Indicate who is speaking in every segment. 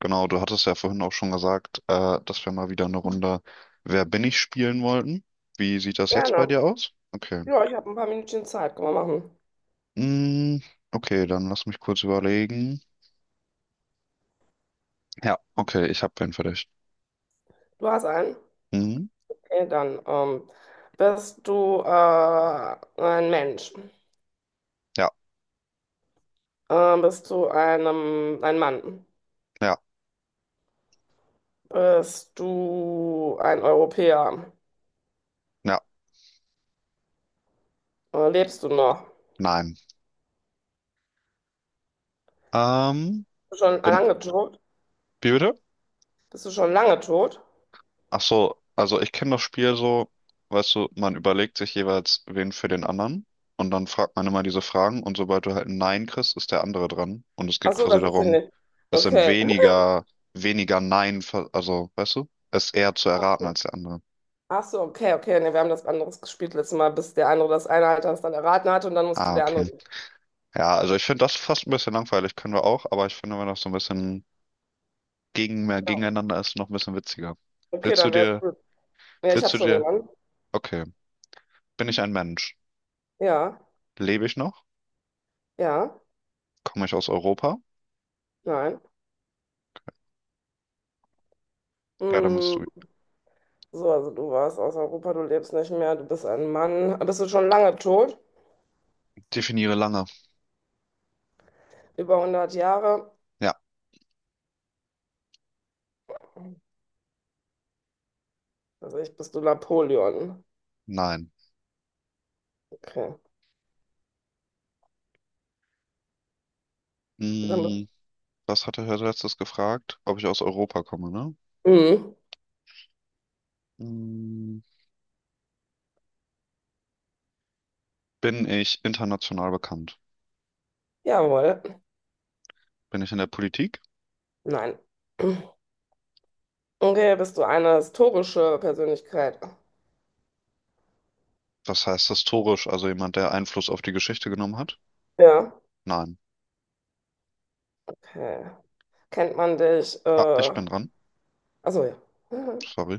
Speaker 1: Genau, du hattest ja vorhin auch schon gesagt, dass wir mal wieder eine Runde Wer bin ich spielen wollten. Wie sieht das jetzt bei
Speaker 2: Gerne.
Speaker 1: dir aus? Okay.
Speaker 2: Ja, ich habe ein paar Minütchen Zeit. Können wir machen.
Speaker 1: Mm, okay, dann lass mich kurz überlegen. Ja, okay, ich habe wen für dich.
Speaker 2: Du hast einen?
Speaker 1: Mhm.
Speaker 2: Okay, dann. Bist du ein Mensch?
Speaker 1: Ja,
Speaker 2: Bist du ein Mann?
Speaker 1: ja,
Speaker 2: Bist du ein Europäer?
Speaker 1: ja,
Speaker 2: Lebst du noch?
Speaker 1: nein. Ähm,
Speaker 2: Bist du schon
Speaker 1: bin,
Speaker 2: lange tot?
Speaker 1: wie bitte?
Speaker 2: Bist du schon lange tot?
Speaker 1: Ach so, also ich kenne das Spiel so, weißt du, man überlegt sich jeweils wen für den anderen und dann fragt man immer diese Fragen, und sobald du halt ein Nein kriegst, ist der andere dran, und es
Speaker 2: Ach
Speaker 1: geht
Speaker 2: so,
Speaker 1: quasi
Speaker 2: das wusste ich
Speaker 1: darum,
Speaker 2: nicht.
Speaker 1: es sind
Speaker 2: Okay.
Speaker 1: weniger, weniger Nein, ver- also weißt du, es ist eher zu
Speaker 2: Ach
Speaker 1: erraten
Speaker 2: so,
Speaker 1: als der andere.
Speaker 2: Ach so, okay, okay. Nee, wir haben das anderes gespielt letztes Mal, bis der andere das eine Alter das dann erraten hatte und dann musste
Speaker 1: Ah,
Speaker 2: der andere.
Speaker 1: okay. Ja, also ich finde das fast ein bisschen langweilig, können wir auch, aber ich finde, wenn das so ein bisschen mehr gegeneinander ist, noch ein bisschen witziger.
Speaker 2: Okay,
Speaker 1: Willst du
Speaker 2: dann wär's
Speaker 1: dir,
Speaker 2: gut. Ja, ich
Speaker 1: willst
Speaker 2: habe
Speaker 1: du
Speaker 2: schon
Speaker 1: dir,
Speaker 2: jemanden.
Speaker 1: okay, bin ich ein Mensch?
Speaker 2: Ja,
Speaker 1: Lebe ich noch?
Speaker 2: ja.
Speaker 1: Komme ich aus Europa?
Speaker 2: Nein.
Speaker 1: Ja, dann bist
Speaker 2: Mm,
Speaker 1: du.
Speaker 2: so, also du warst aus Europa, du lebst nicht mehr, du bist ein Mann. Bist du schon lange tot?
Speaker 1: Definiere lange.
Speaker 2: Über 100 Jahre?
Speaker 1: Ja,
Speaker 2: Also ich bist du Napoleon.
Speaker 1: nein.
Speaker 2: Okay. Dann,
Speaker 1: Hm, was hatte Herr letztes gefragt? Ob ich aus Europa komme, ne?
Speaker 2: mm,
Speaker 1: Hm, bin ich international bekannt?
Speaker 2: jawohl.
Speaker 1: Bin ich in der Politik?
Speaker 2: Nein. Okay, bist du eine historische Persönlichkeit?
Speaker 1: Was heißt historisch? Also jemand, der Einfluss auf die Geschichte genommen hat?
Speaker 2: Ja.
Speaker 1: Nein.
Speaker 2: Okay. Kennt man dich?
Speaker 1: Ah, ich bin dran.
Speaker 2: Achso, ja.
Speaker 1: Sorry.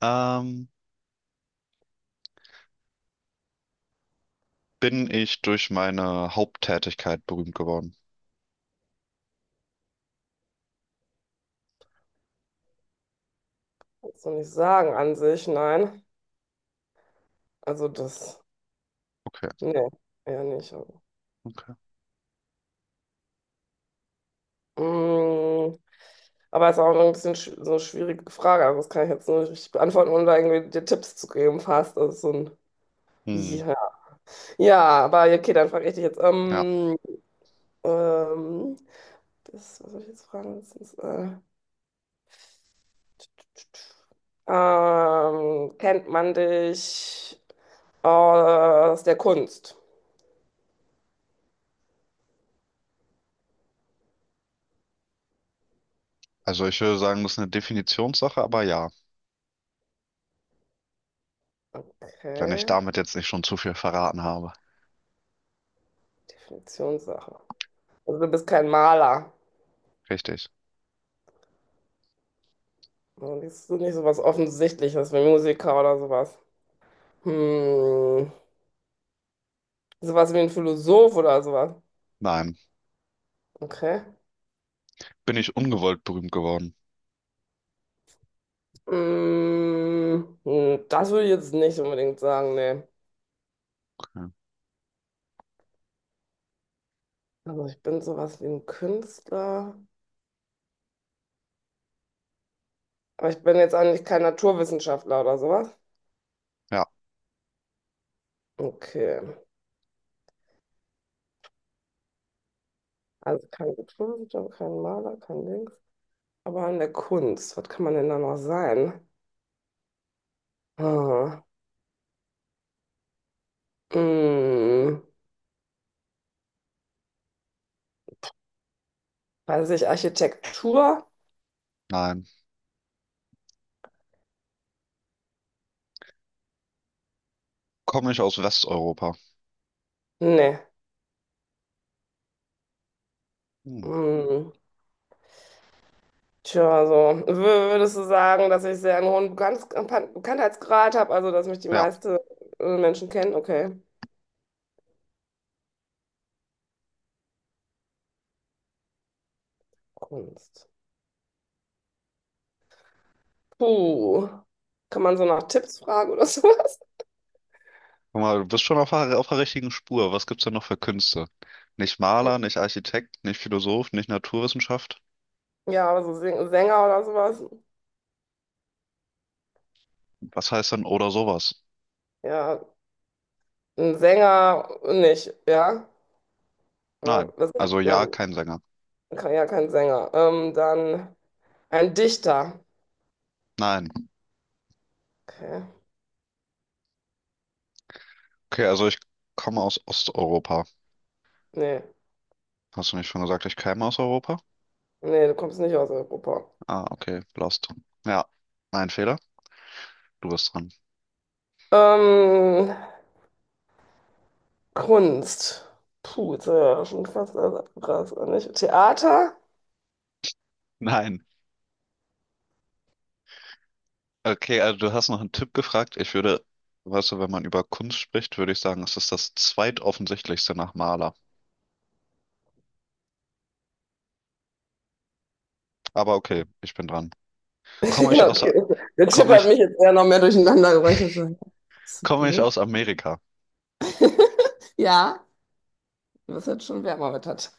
Speaker 1: Ähm, bin ich durch meine Haupttätigkeit berühmt geworden?
Speaker 2: Kannst du nicht sagen an sich, nein. Also das,
Speaker 1: Okay,
Speaker 2: nee, eher nicht.
Speaker 1: okay.
Speaker 2: Mm, aber es ist auch ein bisschen so eine schwierige Frage. Also das kann ich jetzt nur nicht richtig beantworten, ohne da irgendwie dir Tipps zu geben, fast. Das ist so ein.
Speaker 1: Hm,
Speaker 2: Ja. Ja, aber ja, okay, dann frage ich dich jetzt.
Speaker 1: ja.
Speaker 2: Ähm, das, was soll ich jetzt fragen? Kennt man dich aus der Kunst?
Speaker 1: Also ich würde sagen, das ist eine Definitionssache, aber ja, wenn ich
Speaker 2: Okay,
Speaker 1: damit jetzt nicht schon zu viel verraten habe.
Speaker 2: Definitionssache. Also du bist kein Maler.
Speaker 1: Richtig.
Speaker 2: Also bist du nicht sowas Offensichtliches wie Musiker oder sowas. Hm, sowas wie ein Philosoph oder sowas.
Speaker 1: Nein.
Speaker 2: Okay.
Speaker 1: Bin ich ungewollt berühmt geworden?
Speaker 2: Mm, das würde ich jetzt nicht unbedingt sagen, nee.
Speaker 1: Okay.
Speaker 2: Also ich bin sowas wie ein Künstler, aber ich bin jetzt eigentlich kein Naturwissenschaftler oder sowas.
Speaker 1: Ja,
Speaker 2: Okay. Also kein Naturwissenschaftler, kein Maler, kein Dings. Aber in der Kunst, was kann man denn da noch sein? Hm. Mm, weiß ich, Architektur?
Speaker 1: nein. Komme ich aus Westeuropa?
Speaker 2: Nee.
Speaker 1: Hm.
Speaker 2: Mm, tja, also wür- würdest du sagen, dass ich sehr einen hohen Bekanntheitsgrad habe, also dass mich die
Speaker 1: Ja.
Speaker 2: meisten Menschen kennen? Okay. Kunst. Puh. Kann man so nach Tipps fragen oder sowas?
Speaker 1: Guck mal, du bist schon auf der richtigen Spur. Was gibt's denn noch für Künste? Nicht Maler, nicht Architekt, nicht Philosoph, nicht Naturwissenschaft.
Speaker 2: Ja, aber so Sänger oder sowas?
Speaker 1: Was heißt denn oder sowas?
Speaker 2: Ja, ein Sänger nicht, ja? Oder
Speaker 1: Nein.
Speaker 2: was?
Speaker 1: Also ja,
Speaker 2: Nein,
Speaker 1: kein Sänger.
Speaker 2: ja, kein Sänger. Dann ein Dichter.
Speaker 1: Nein.
Speaker 2: Okay.
Speaker 1: Okay, also ich komme aus Osteuropa.
Speaker 2: Nee,
Speaker 1: Hast du nicht schon gesagt, ich käme aus Europa?
Speaker 2: nee, du kommst nicht aus Europa.
Speaker 1: Ah, okay, lost. Ja, mein Fehler. Du bist dran.
Speaker 2: Ähm, Kunst. Puh, jetzt ja schon fast alles abgegrast, oder nicht? Theater?
Speaker 1: Nein. Okay, also du hast nach einem Tipp gefragt. Ich würde, weißt du, wenn man über Kunst spricht, würde ich sagen, es ist das zweitoffensichtlichste nach Maler. Aber okay, ich bin dran. Komme ich
Speaker 2: Ja,
Speaker 1: aus,
Speaker 2: okay. Der Tipp
Speaker 1: komme
Speaker 2: hat
Speaker 1: ich,
Speaker 2: mich jetzt eher noch mehr durcheinander gebracht. Ich so, ist so
Speaker 1: komme ich
Speaker 2: blöd?
Speaker 1: aus Amerika?
Speaker 2: Ja, das hat schon wärmer wettert.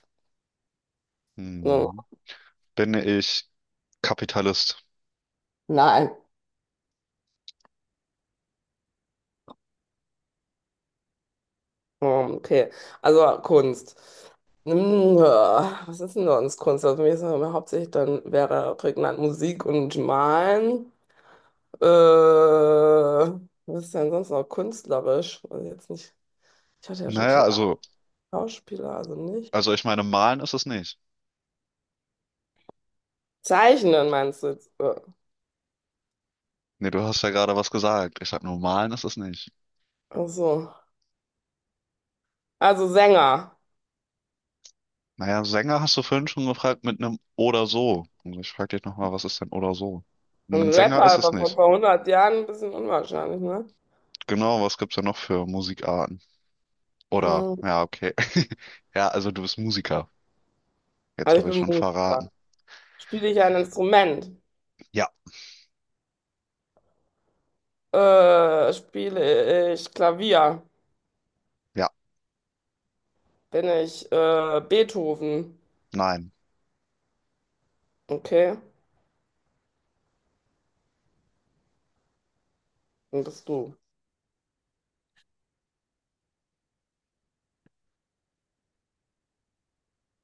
Speaker 2: Hm,
Speaker 1: Hm, bin ich Kapitalist?
Speaker 2: nein. Hm, okay. Also Kunst. Hm, ja, was ist denn sonst Kunst? Also für mich ist das immer hauptsächlich dann wäre prägnant Musik und Malen. Was ist denn sonst noch künstlerisch? Also jetzt nicht. Ich hatte ja schon
Speaker 1: Naja,
Speaker 2: The
Speaker 1: also,
Speaker 2: Schauspieler, also nicht.
Speaker 1: also ich meine, malen ist es nicht.
Speaker 2: Zeichnen meinst du jetzt?
Speaker 1: Nee, du hast ja gerade was gesagt. Ich sag nur, malen ist es nicht.
Speaker 2: Ach so. Also Sänger.
Speaker 1: Naja, Sänger hast du vorhin schon gefragt mit einem oder so. Und ich frage dich nochmal, was ist denn oder so?
Speaker 2: Ein
Speaker 1: Ein Sänger
Speaker 2: Rapper,
Speaker 1: ist es
Speaker 2: aber von
Speaker 1: nicht.
Speaker 2: vor 100 Jahren ein bisschen unwahrscheinlich, ne?
Speaker 1: Genau, was gibt's denn noch für Musikarten? Oder,
Speaker 2: Ähm,
Speaker 1: ja, okay. Ja, also du bist Musiker. Jetzt
Speaker 2: also
Speaker 1: habe ich
Speaker 2: ich
Speaker 1: schon
Speaker 2: bin Musiker.
Speaker 1: verraten.
Speaker 2: Spiele ich ein Instrument?
Speaker 1: Ja,
Speaker 2: Spiele ich Klavier?
Speaker 1: ja,
Speaker 2: Bin ich Beethoven?
Speaker 1: nein.
Speaker 2: Okay, dann bist du.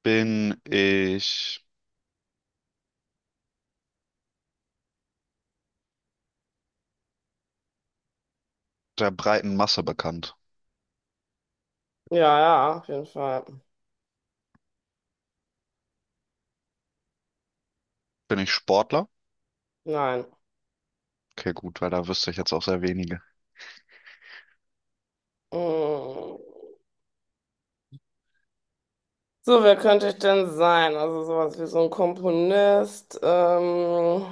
Speaker 1: Bin ich der breiten Masse bekannt?
Speaker 2: Ja, ja, auf jeden Fall.
Speaker 1: Bin ich Sportler?
Speaker 2: Nein.
Speaker 1: Okay, gut, weil da wüsste ich jetzt auch sehr wenige.
Speaker 2: Mm. So, wer könnte ich denn sein? Also sowas wie so ein Komponist.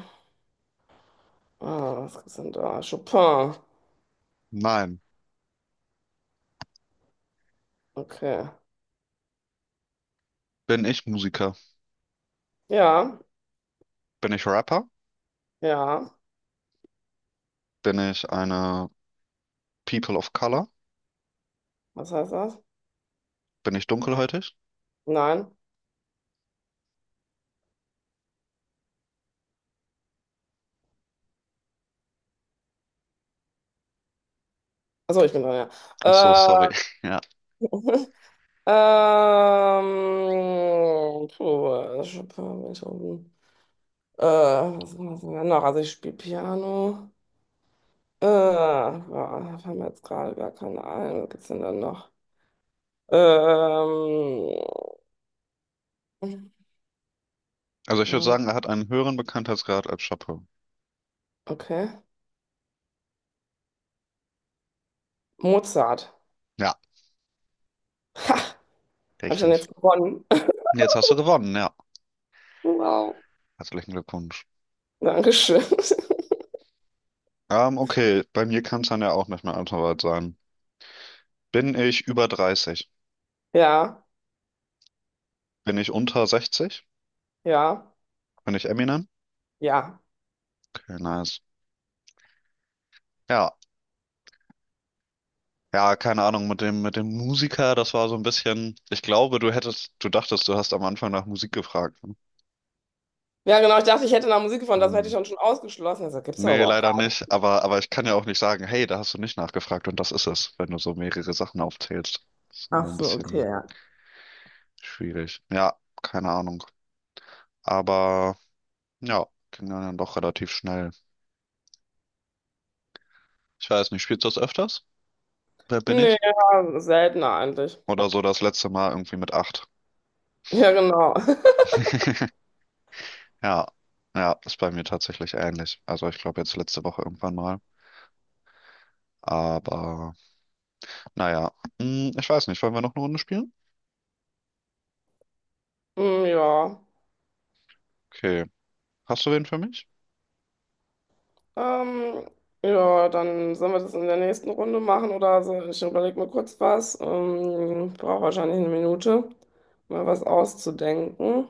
Speaker 2: Ah, was sind da? Chopin.
Speaker 1: Nein.
Speaker 2: Okay.
Speaker 1: Bin ich Musiker?
Speaker 2: Ja,
Speaker 1: Bin ich Rapper?
Speaker 2: ja.
Speaker 1: Bin ich eine People of Color?
Speaker 2: Was heißt das?
Speaker 1: Bin ich dunkelhäutig?
Speaker 2: Nein. Achso, ich bin dran,
Speaker 1: Ach so,
Speaker 2: ja.
Speaker 1: sorry. Ja.
Speaker 2: Äh, puh, Chopin, Beethoven. Was machen wir denn noch? Also ich spiele Piano. Ja, da fallen mir jetzt gerade gar keine ein. Was gibt's denn dann noch? Ähm,
Speaker 1: Also ich würde
Speaker 2: ja,
Speaker 1: sagen, er hat einen höheren Bekanntheitsgrad als Chapeau.
Speaker 2: okay. Mozart.
Speaker 1: Ja,
Speaker 2: Ha! Habe ich dann
Speaker 1: richtig.
Speaker 2: jetzt gewonnen?
Speaker 1: Jetzt hast du gewonnen, ja.
Speaker 2: Wow.
Speaker 1: Herzlichen Glückwunsch.
Speaker 2: Dankeschön.
Speaker 1: Okay, bei mir kann es dann ja auch nicht mehr allzu weit sein. Bin ich über 30?
Speaker 2: Ja,
Speaker 1: Bin ich unter 60?
Speaker 2: ja,
Speaker 1: Bin ich Eminem?
Speaker 2: ja.
Speaker 1: Okay, nice. Ja, ja, keine Ahnung, mit dem Musiker, das war so ein bisschen. Ich glaube, du dachtest, du hast am Anfang nach Musik gefragt. Ne?
Speaker 2: Ja, genau. Ich dachte, ich hätte nach Musik gefunden. Das hätte ich
Speaker 1: Hm.
Speaker 2: dann schon ausgeschlossen. Also gibt's doch
Speaker 1: Nee,
Speaker 2: überhaupt gar
Speaker 1: leider
Speaker 2: nicht.
Speaker 1: nicht. Aber ich kann ja auch nicht sagen, hey, da hast du nicht nachgefragt und das ist es, wenn du so mehrere Sachen aufzählst. Das ist
Speaker 2: Ach
Speaker 1: immer ein
Speaker 2: so, okay,
Speaker 1: bisschen
Speaker 2: ja.
Speaker 1: schwierig. Ja, keine Ahnung. Aber ja, ging dann doch relativ schnell. Ich weiß nicht, spielst du das öfters? Wer bin
Speaker 2: Nee,
Speaker 1: ich?
Speaker 2: ja, seltener eigentlich.
Speaker 1: Oder so das letzte Mal irgendwie mit 8.
Speaker 2: Ja, genau.
Speaker 1: Ja, ja, ist bei mir tatsächlich ähnlich. Also ich glaube jetzt letzte Woche irgendwann mal. Aber naja, hm, ich weiß nicht, wollen wir noch eine Runde spielen?
Speaker 2: Hm, ja.
Speaker 1: Okay. Hast du wen für mich?
Speaker 2: Ähm, ja, dann sollen wir das in der nächsten Runde machen oder so. Ich überlege mir kurz was. Ich brauche wahrscheinlich eine Minute, mal was auszudenken.